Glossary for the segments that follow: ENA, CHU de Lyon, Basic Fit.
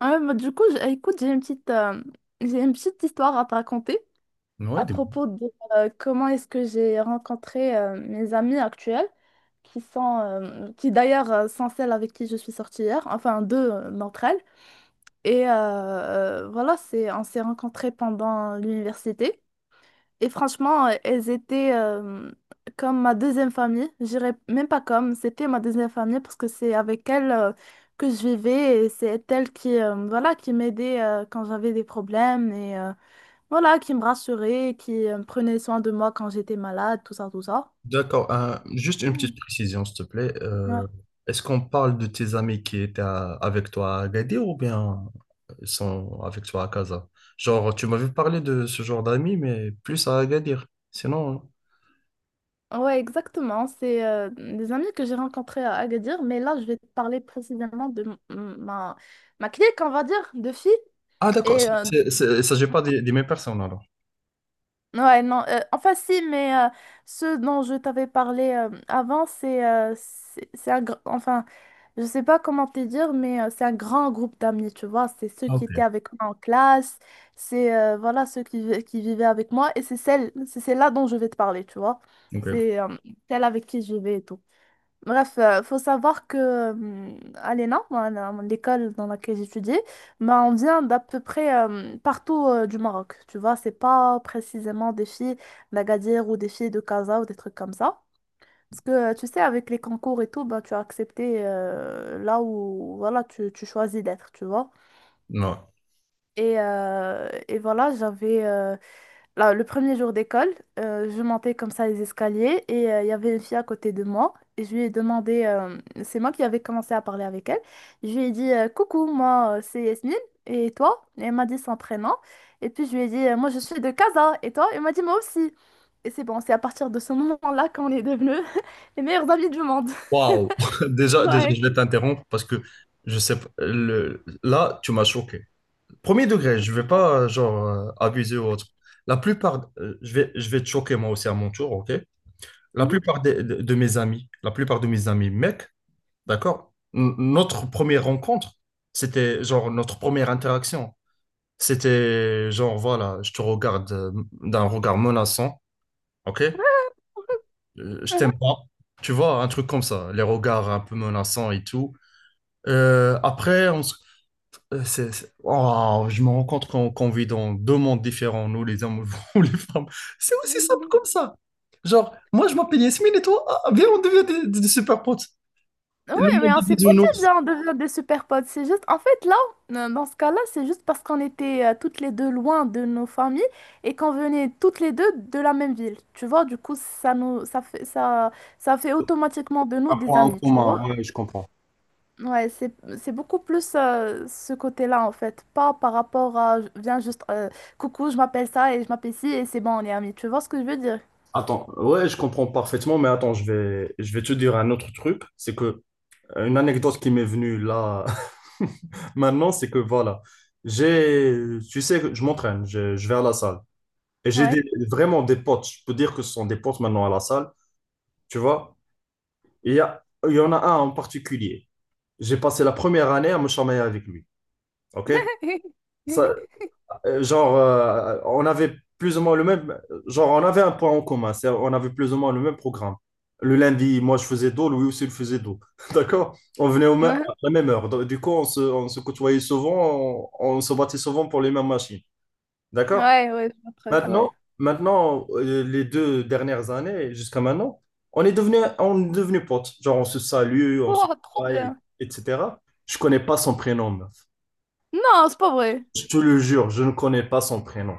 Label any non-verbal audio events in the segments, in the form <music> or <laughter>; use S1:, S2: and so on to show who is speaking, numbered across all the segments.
S1: Ouais, bah, du coup, écoute, j'ai une petite histoire à te raconter
S2: Ouais,
S1: à
S2: de-
S1: propos de comment est-ce que j'ai rencontré mes amis actuels, qui d'ailleurs sont celles avec qui je suis sortie hier, enfin deux d'entre elles. Et voilà, on s'est rencontrés pendant l'université. Et franchement, elles étaient comme ma deuxième famille. Je dirais même pas comme, c'était ma deuxième famille parce que c'est avec elles que je vivais et c'est elles qui m'aidaient quand j'avais des problèmes et voilà, qui me rassuraient, qui prenaient soin de moi quand j'étais malade, tout ça, tout ça.
S2: D'accord, juste une
S1: Oh,
S2: petite précision, s'il te plaît.
S1: ouais,
S2: Est-ce qu'on parle de tes amis qui étaient avec toi à Agadir ou bien ils sont avec toi à Casa? Genre, tu m'avais parlé de ce genre d'amis, mais plus à Agadir sinon, hein.
S1: ouais, exactement. C'est des amis que j'ai rencontrés à Agadir, mais là, je vais te parler précisément de ma clique, on va dire, de filles.
S2: Ah, d'accord.
S1: Et
S2: Il ne s'agit pas des mêmes personnes alors.
S1: ouais, non, enfin si, mais ce dont je t'avais parlé avant, c'est un enfin, je sais pas comment te dire, mais c'est un grand groupe d'amis, tu vois, c'est ceux
S2: Ah,
S1: qui
S2: ok.
S1: étaient avec moi en classe, c'est voilà ceux qui vivaient avec moi, et c'est celle-là dont je vais te parler, tu vois,
S2: Ok.
S1: c'est celle avec qui je vais et tout. Bref, faut savoir que à l'ENA, moi, l'école dans laquelle j'étudie, ben, on vient d'à peu près partout du Maroc. Tu vois, c'est pas précisément des filles d'Agadir ou des filles de Casa ou des trucs comme ça. Parce que tu sais, avec les concours et tout, ben, tu as accepté là où voilà, tu choisis d'être, tu vois.
S2: Non.
S1: Et voilà, j'avais là, le premier jour d'école, je montais comme ça les escaliers et il y avait une fille à côté de moi et je lui ai demandé, c'est moi qui avais commencé à parler avec elle, je lui ai dit coucou, moi c'est Yasmine et toi? Et elle m'a dit son prénom et puis je lui ai dit moi je suis de Casa et toi? Elle m'a dit moi aussi. Et c'est bon, c'est à partir de ce moment-là qu'on est devenus <laughs> les meilleurs amis du monde. <laughs>
S2: Waouh. <laughs> Déjà,
S1: Ouais.
S2: je vais t'interrompre parce que je sais pas. Là, tu m'as choqué. Premier degré, je vais pas, genre, abuser ou autre. La plupart, je vais te choquer moi aussi à mon tour, ok? La
S1: Mhm.
S2: plupart des- de mes amis, la plupart de mes amis mecs, d'accord? Notre première rencontre, c'était genre notre première interaction. C'était genre, voilà, je te regarde d'un regard menaçant, ok? Je t'aime pas. Tu vois, un truc comme ça, les regards un peu menaçants et tout. Après, on se... Oh, je me rends compte qu'on vit dans deux mondes différents, nous les hommes <laughs> ou les femmes. C'est aussi simple
S1: Mhm.
S2: comme ça. Genre, moi je m'appelle Yasmine et toi, ah, viens, on devient des super potes.
S1: Ouais,
S2: Et le monde
S1: mais on
S2: des
S1: s'est pas dit,
S2: bisounours.
S1: viens, on devient des super potes. C'est juste, en fait, là, dans ce cas-là, c'est juste parce qu'on était toutes les deux loin de nos familles et qu'on venait toutes les deux de la même ville. Tu vois, du coup, ça nous, ça fait, ça fait automatiquement de
S2: Un
S1: nous des
S2: point en
S1: amis, tu vois.
S2: commun, ouais, je comprends.
S1: Ouais, c'est beaucoup plus ce côté-là, en fait. Pas par rapport à, viens juste, coucou, je m'appelle ça et je m'appelle ci et c'est bon, on est amis. Tu vois ce que je veux dire?
S2: Attends, ouais, je comprends parfaitement, mais attends, je vais te dire un autre truc. C'est que une anecdote qui m'est venue là <laughs> maintenant, c'est que voilà, j'ai, tu sais, que je m'entraîne, je vais à la salle. Et
S1: Ouais.
S2: vraiment des potes, je peux dire que ce sont des potes maintenant à la salle. Tu vois? Il y a, il y en a un en particulier. J'ai passé la première année à me chamailler avec lui. OK?
S1: <laughs>
S2: Ça, genre, on avait plus ou moins le même. Genre, on avait un point en commun. On avait plus ou moins le même programme. Le lundi, moi, je faisais dos, lui aussi, il faisait dos. <laughs> D'accord? On venait
S1: Ouais,
S2: à la même heure. Du coup, on se côtoyait souvent, on se battait souvent pour les mêmes machines. D'accord?
S1: ouais, ouais, je vois le truc, ouais.
S2: Maintenant les deux dernières années, jusqu'à maintenant, on est devenu potes. Genre, on se salue, on se
S1: Oh, trop
S2: travaille,
S1: bien.
S2: etc. Je connais pas son prénom, meuf.
S1: Non, c'est pas vrai.
S2: Je te le jure, je ne connais pas son prénom.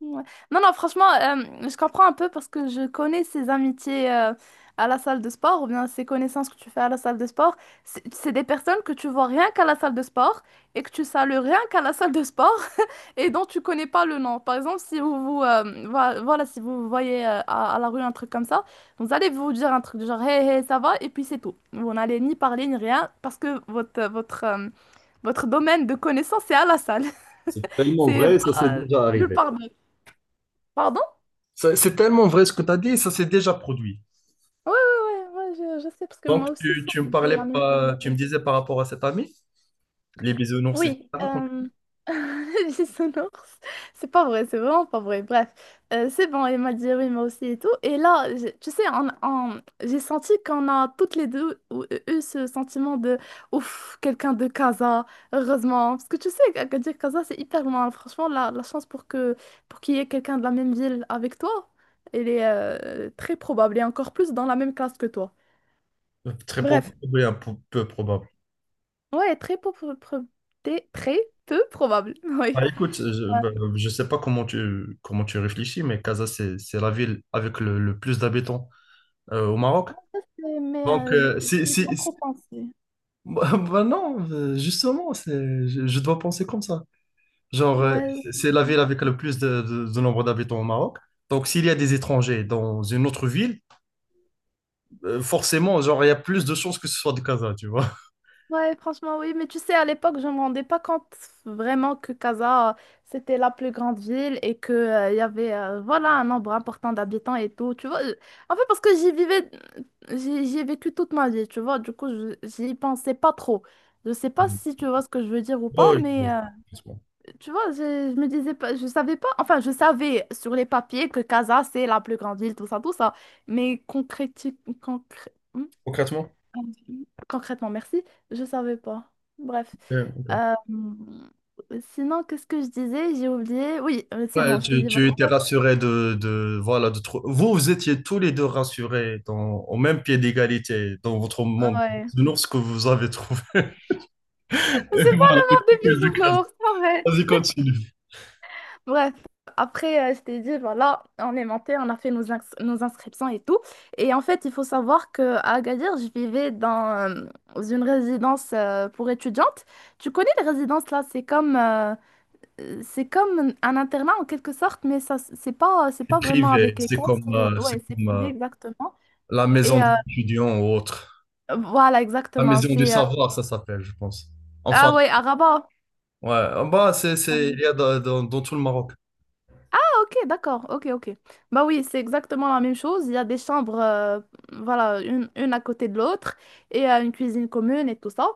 S1: Ouais. Non, non, franchement, je comprends un peu parce que je connais ces amitiés à la salle de sport ou bien ces connaissances que tu fais à la salle de sport. C'est des personnes que tu vois rien qu'à la salle de sport et que tu salues rien qu'à la salle de sport <laughs> et dont tu connais pas le nom. Par exemple, si si vous voyez à la rue un truc comme ça, vous allez vous dire un truc du genre hey, hey, ça va et puis c'est tout. Vous n'allez ni parler ni rien parce que votre domaine de connaissances est à la salle.
S2: C'est tellement
S1: C'est
S2: vrai, ça s'est
S1: pas
S2: déjà
S1: nulle
S2: arrivé.
S1: part d'autre. Pardon?
S2: C'est tellement vrai ce que tu as dit, ça s'est déjà produit.
S1: Ouais, ouais, ouais, ouais, je sais, parce que
S2: Donc,
S1: moi aussi,
S2: tu me
S1: j'ai
S2: parlais
S1: la même
S2: pas, tu me
S1: chose.
S2: disais par rapport à cet ami? Les bisounours,
S1: Oui,
S2: etc.
S1: <laughs> sonore, c'est pas vrai, c'est vraiment pas vrai. Bref, c'est bon, il m'a dit oui, moi aussi et tout. Et là, tu sais, j'ai senti qu'on a toutes les deux eu ce sentiment de ouf, quelqu'un de Casa, heureusement. Parce que tu sais, à dire Casa, c'est hyper loin. Franchement, la chance pour qu'il y ait quelqu'un de la même ville avec toi, elle est très probable et encore plus dans la même classe que toi.
S2: Très probable,
S1: Bref,
S2: oui, un peu, peu probable.
S1: ouais, très peu probable, <laughs> oui.
S2: Bah, écoute, je ne sais pas comment tu, comment tu réfléchis, mais Casa, c'est la ville avec le plus d'habitants au Maroc.
S1: Ça, Mais
S2: Donc, euh,
S1: j'y
S2: c'est,
S1: j'y ai pas
S2: c'est- c'est-
S1: trop
S2: <laughs>
S1: pensé.
S2: bah non, justement, je dois penser comme ça. Genre,
S1: Ouais. Ouais,
S2: c'est la ville avec le plus de nombre d'habitants au Maroc. Donc, s'il y a des étrangers dans une autre ville, forcément, genre, il y a plus de chances que ce soit de Casa, tu vois.
S1: ouais, franchement, oui, mais tu sais, à l'époque, je me rendais pas compte vraiment que Casa, c'était la plus grande ville et que, il y avait, voilà, un nombre important d'habitants et tout, tu vois. En fait, parce que j'y vivais, j'y ai vécu toute ma vie, tu vois, du coup, j'y pensais pas trop. Je sais pas
S2: Mm.
S1: si tu vois ce que je veux dire ou pas, mais...
S2: Ouais.
S1: euh,
S2: Concrètement.
S1: Tu vois, je me disais pas, je savais pas, enfin, je savais sur les papiers que Casa, c'est la plus grande ville, tout ça, mais
S2: Concrètement?
S1: concrètement, merci, je savais pas. Bref.
S2: Ouais, ok.
S1: Euh, sinon, qu'est-ce que je disais? J'ai oublié. Oui, c'est bon,
S2: Ouais,
S1: je t'ai dit.
S2: tu étais
S1: vraiment.
S2: rassuré voilà, vous, vous étiez tous les deux rassurés dans, au même pied d'égalité dans votre monde
S1: Ouais.
S2: de l'ours que vous avez trouvé. <laughs> Et
S1: C'est pas
S2: voilà,
S1: le
S2: une
S1: monde
S2: coquille
S1: des
S2: de case.
S1: bisounours, <laughs> c'est vrai.
S2: Vas-y, continue.
S1: Bref, après, je t'ai dit, voilà, on est monté, on a fait nos inscriptions et tout. Et en fait, il faut savoir qu'à Agadir, je vivais dans une résidence pour étudiantes. Tu connais les résidences là, c'est comme un internat en quelque sorte, mais ça, c'est pas, c'est
S2: C'est
S1: pas vraiment
S2: privé,
S1: avec l'école.
S2: c'est
S1: Ouais, c'est
S2: comme
S1: privé exactement.
S2: la maison
S1: Et
S2: d'étudiants ou autre.
S1: voilà,
S2: La
S1: exactement.
S2: maison du savoir, ça s'appelle, je pense. Enfin,
S1: Ah ouais, à Rabat.
S2: ouais, ah bah, il y a dans, dans tout le Maroc.
S1: Ok, d'accord, ok, ok. Bah oui, c'est exactement la même chose. Il y a des chambres, voilà, une à côté de l'autre et une cuisine commune et tout ça.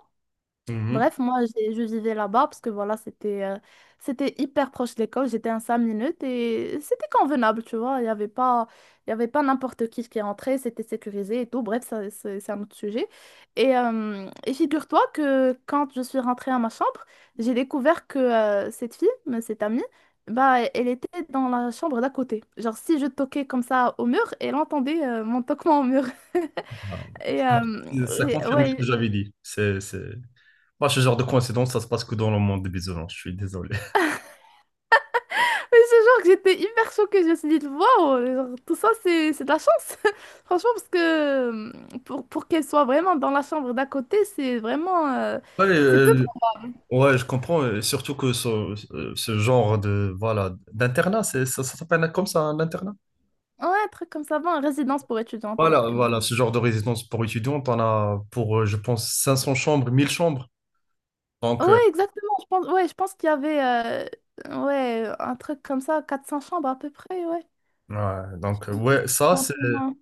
S2: Mhm.
S1: Bref, moi, je vivais là-bas parce que voilà, c'était hyper proche de l'école. J'étais à 5 minutes et c'était convenable, tu vois. Il y avait pas n'importe qui rentrait, c'était sécurisé et tout. Bref, ça, c'est un autre sujet. Et figure-toi que quand je suis rentrée à ma chambre, j'ai découvert que cette fille, mais cette amie, bah, elle était dans la chambre d'à côté. Genre, si je toquais comme ça au mur, elle entendait mon toquement au mur. <laughs> Et, euh,
S2: Ça confirme ce que
S1: ouais,
S2: j'avais dit. C'est... Moi, ce genre de coïncidence, ça se passe que dans le monde des bisounours, je suis désolé.
S1: mais c'est genre que j'étais hyper choquée. Je me suis dit, waouh, genre, tout ça, c'est de la chance. <laughs> Franchement, parce que euh, pour qu'elle soit vraiment dans la chambre d'à côté, c'est vraiment.
S2: Ouais,
S1: C'est peu.
S2: euh,
S1: pro-
S2: ouais, je comprends, et surtout que ce, ce genre de voilà d'internat, ça, ça s'appelle comme ça, un internat?
S1: Ouais, un truc comme ça, bon, résidence pour étudiantes, et
S2: Voilà,
S1: c'est bon.
S2: voilà, ce genre de résidence pour étudiants, t'en as pour, je pense, 500 chambres, 1000 chambres. Donc,
S1: Ouais,
S2: euh,
S1: exactement. Je pense, ouais, je pense qu'il y avait ouais, un truc comme ça, 400 chambres à peu près, ouais.
S2: ouais,
S1: Un peu moins.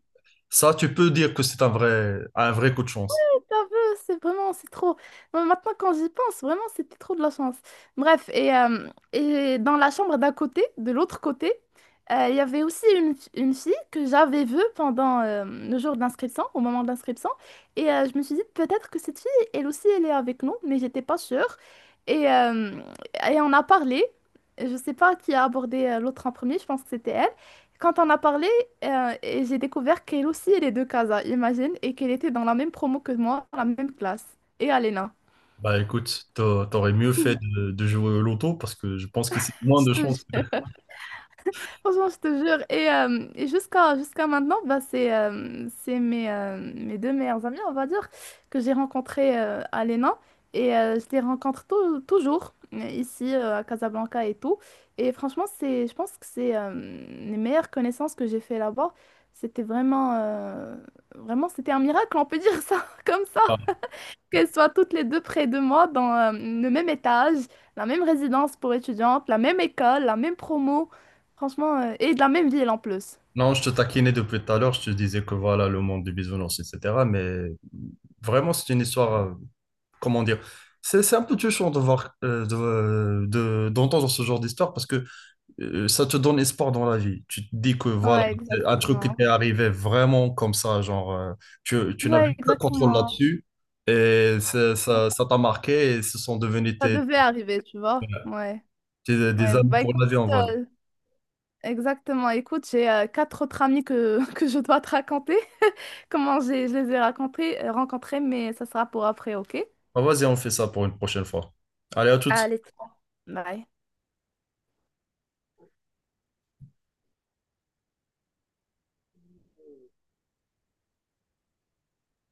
S2: ça, tu peux dire que c'est un vrai coup de chance.
S1: Un peu, c'est vraiment, c'est trop. Bon, maintenant, quand j'y pense, vraiment, c'était trop de la chance. Bref, et dans la chambre d'un côté, de l'autre côté, il y avait aussi une fille que j'avais vue pendant le jour d'inscription, au moment de l'inscription. Et je me suis dit, peut-être que cette fille, elle aussi, elle est avec nous, mais j'étais pas sûre. Et, euh, et on a parlé. Je sais pas qui a abordé l'autre en premier, je pense que c'était elle. Quand on a parlé, et j'ai découvert qu'elle aussi, elle est de Casa, imagine, et qu'elle était dans la même promo que moi, dans la même classe. Et Alena.
S2: Bah écoute, t'aurais mieux fait de jouer au loto parce que je pense que c'est moins
S1: Je
S2: de
S1: te
S2: chance que...
S1: jure.
S2: <laughs>
S1: Franchement, je te jure. Et jusqu'à maintenant, bah, c'est mes deux meilleurs amis, on va dire, que j'ai rencontré Alena. Et je les rencontre toujours, ici, à Casablanca et tout. Et franchement, je pense que c'est les meilleures connaissances que j'ai fait là-bas. C'était vraiment, c'était un miracle, on peut dire ça <laughs> comme ça.
S2: Ah.
S1: Qu'elles soient toutes les deux près de moi dans le même étage, la même résidence pour étudiantes, la même école, la même promo, franchement, et de la même ville en plus.
S2: Non, je te taquinais depuis tout à l'heure, je te disais que voilà, le monde du bisounours, etc. Mais vraiment, c'est une histoire, comment dire, c'est un peu touchant de voir, d'entendre ce genre d'histoire parce que ça te donne espoir dans la vie. Tu te dis que voilà,
S1: Ouais,
S2: c'est un truc qui
S1: exactement.
S2: t'est arrivé vraiment comme ça, genre, tu n'avais
S1: Ouais,
S2: aucun contrôle
S1: exactement.
S2: là-dessus et ça, ça t'a marqué et ce sont devenus
S1: Ça
S2: tes,
S1: devait arriver, tu vois. Ouais.
S2: des
S1: Ouais,
S2: amis
S1: bah
S2: pour la
S1: écoute,
S2: vie, on va dire.
S1: euh, exactement. Écoute, j'ai quatre autres amis que, <laughs> que je dois te raconter. Je les ai rencontrés, mais ça sera pour après, ok?
S2: Ah, vas-y, on fait ça pour une prochaine fois. Allez, à toutes.
S1: Allez, ciao. Bye.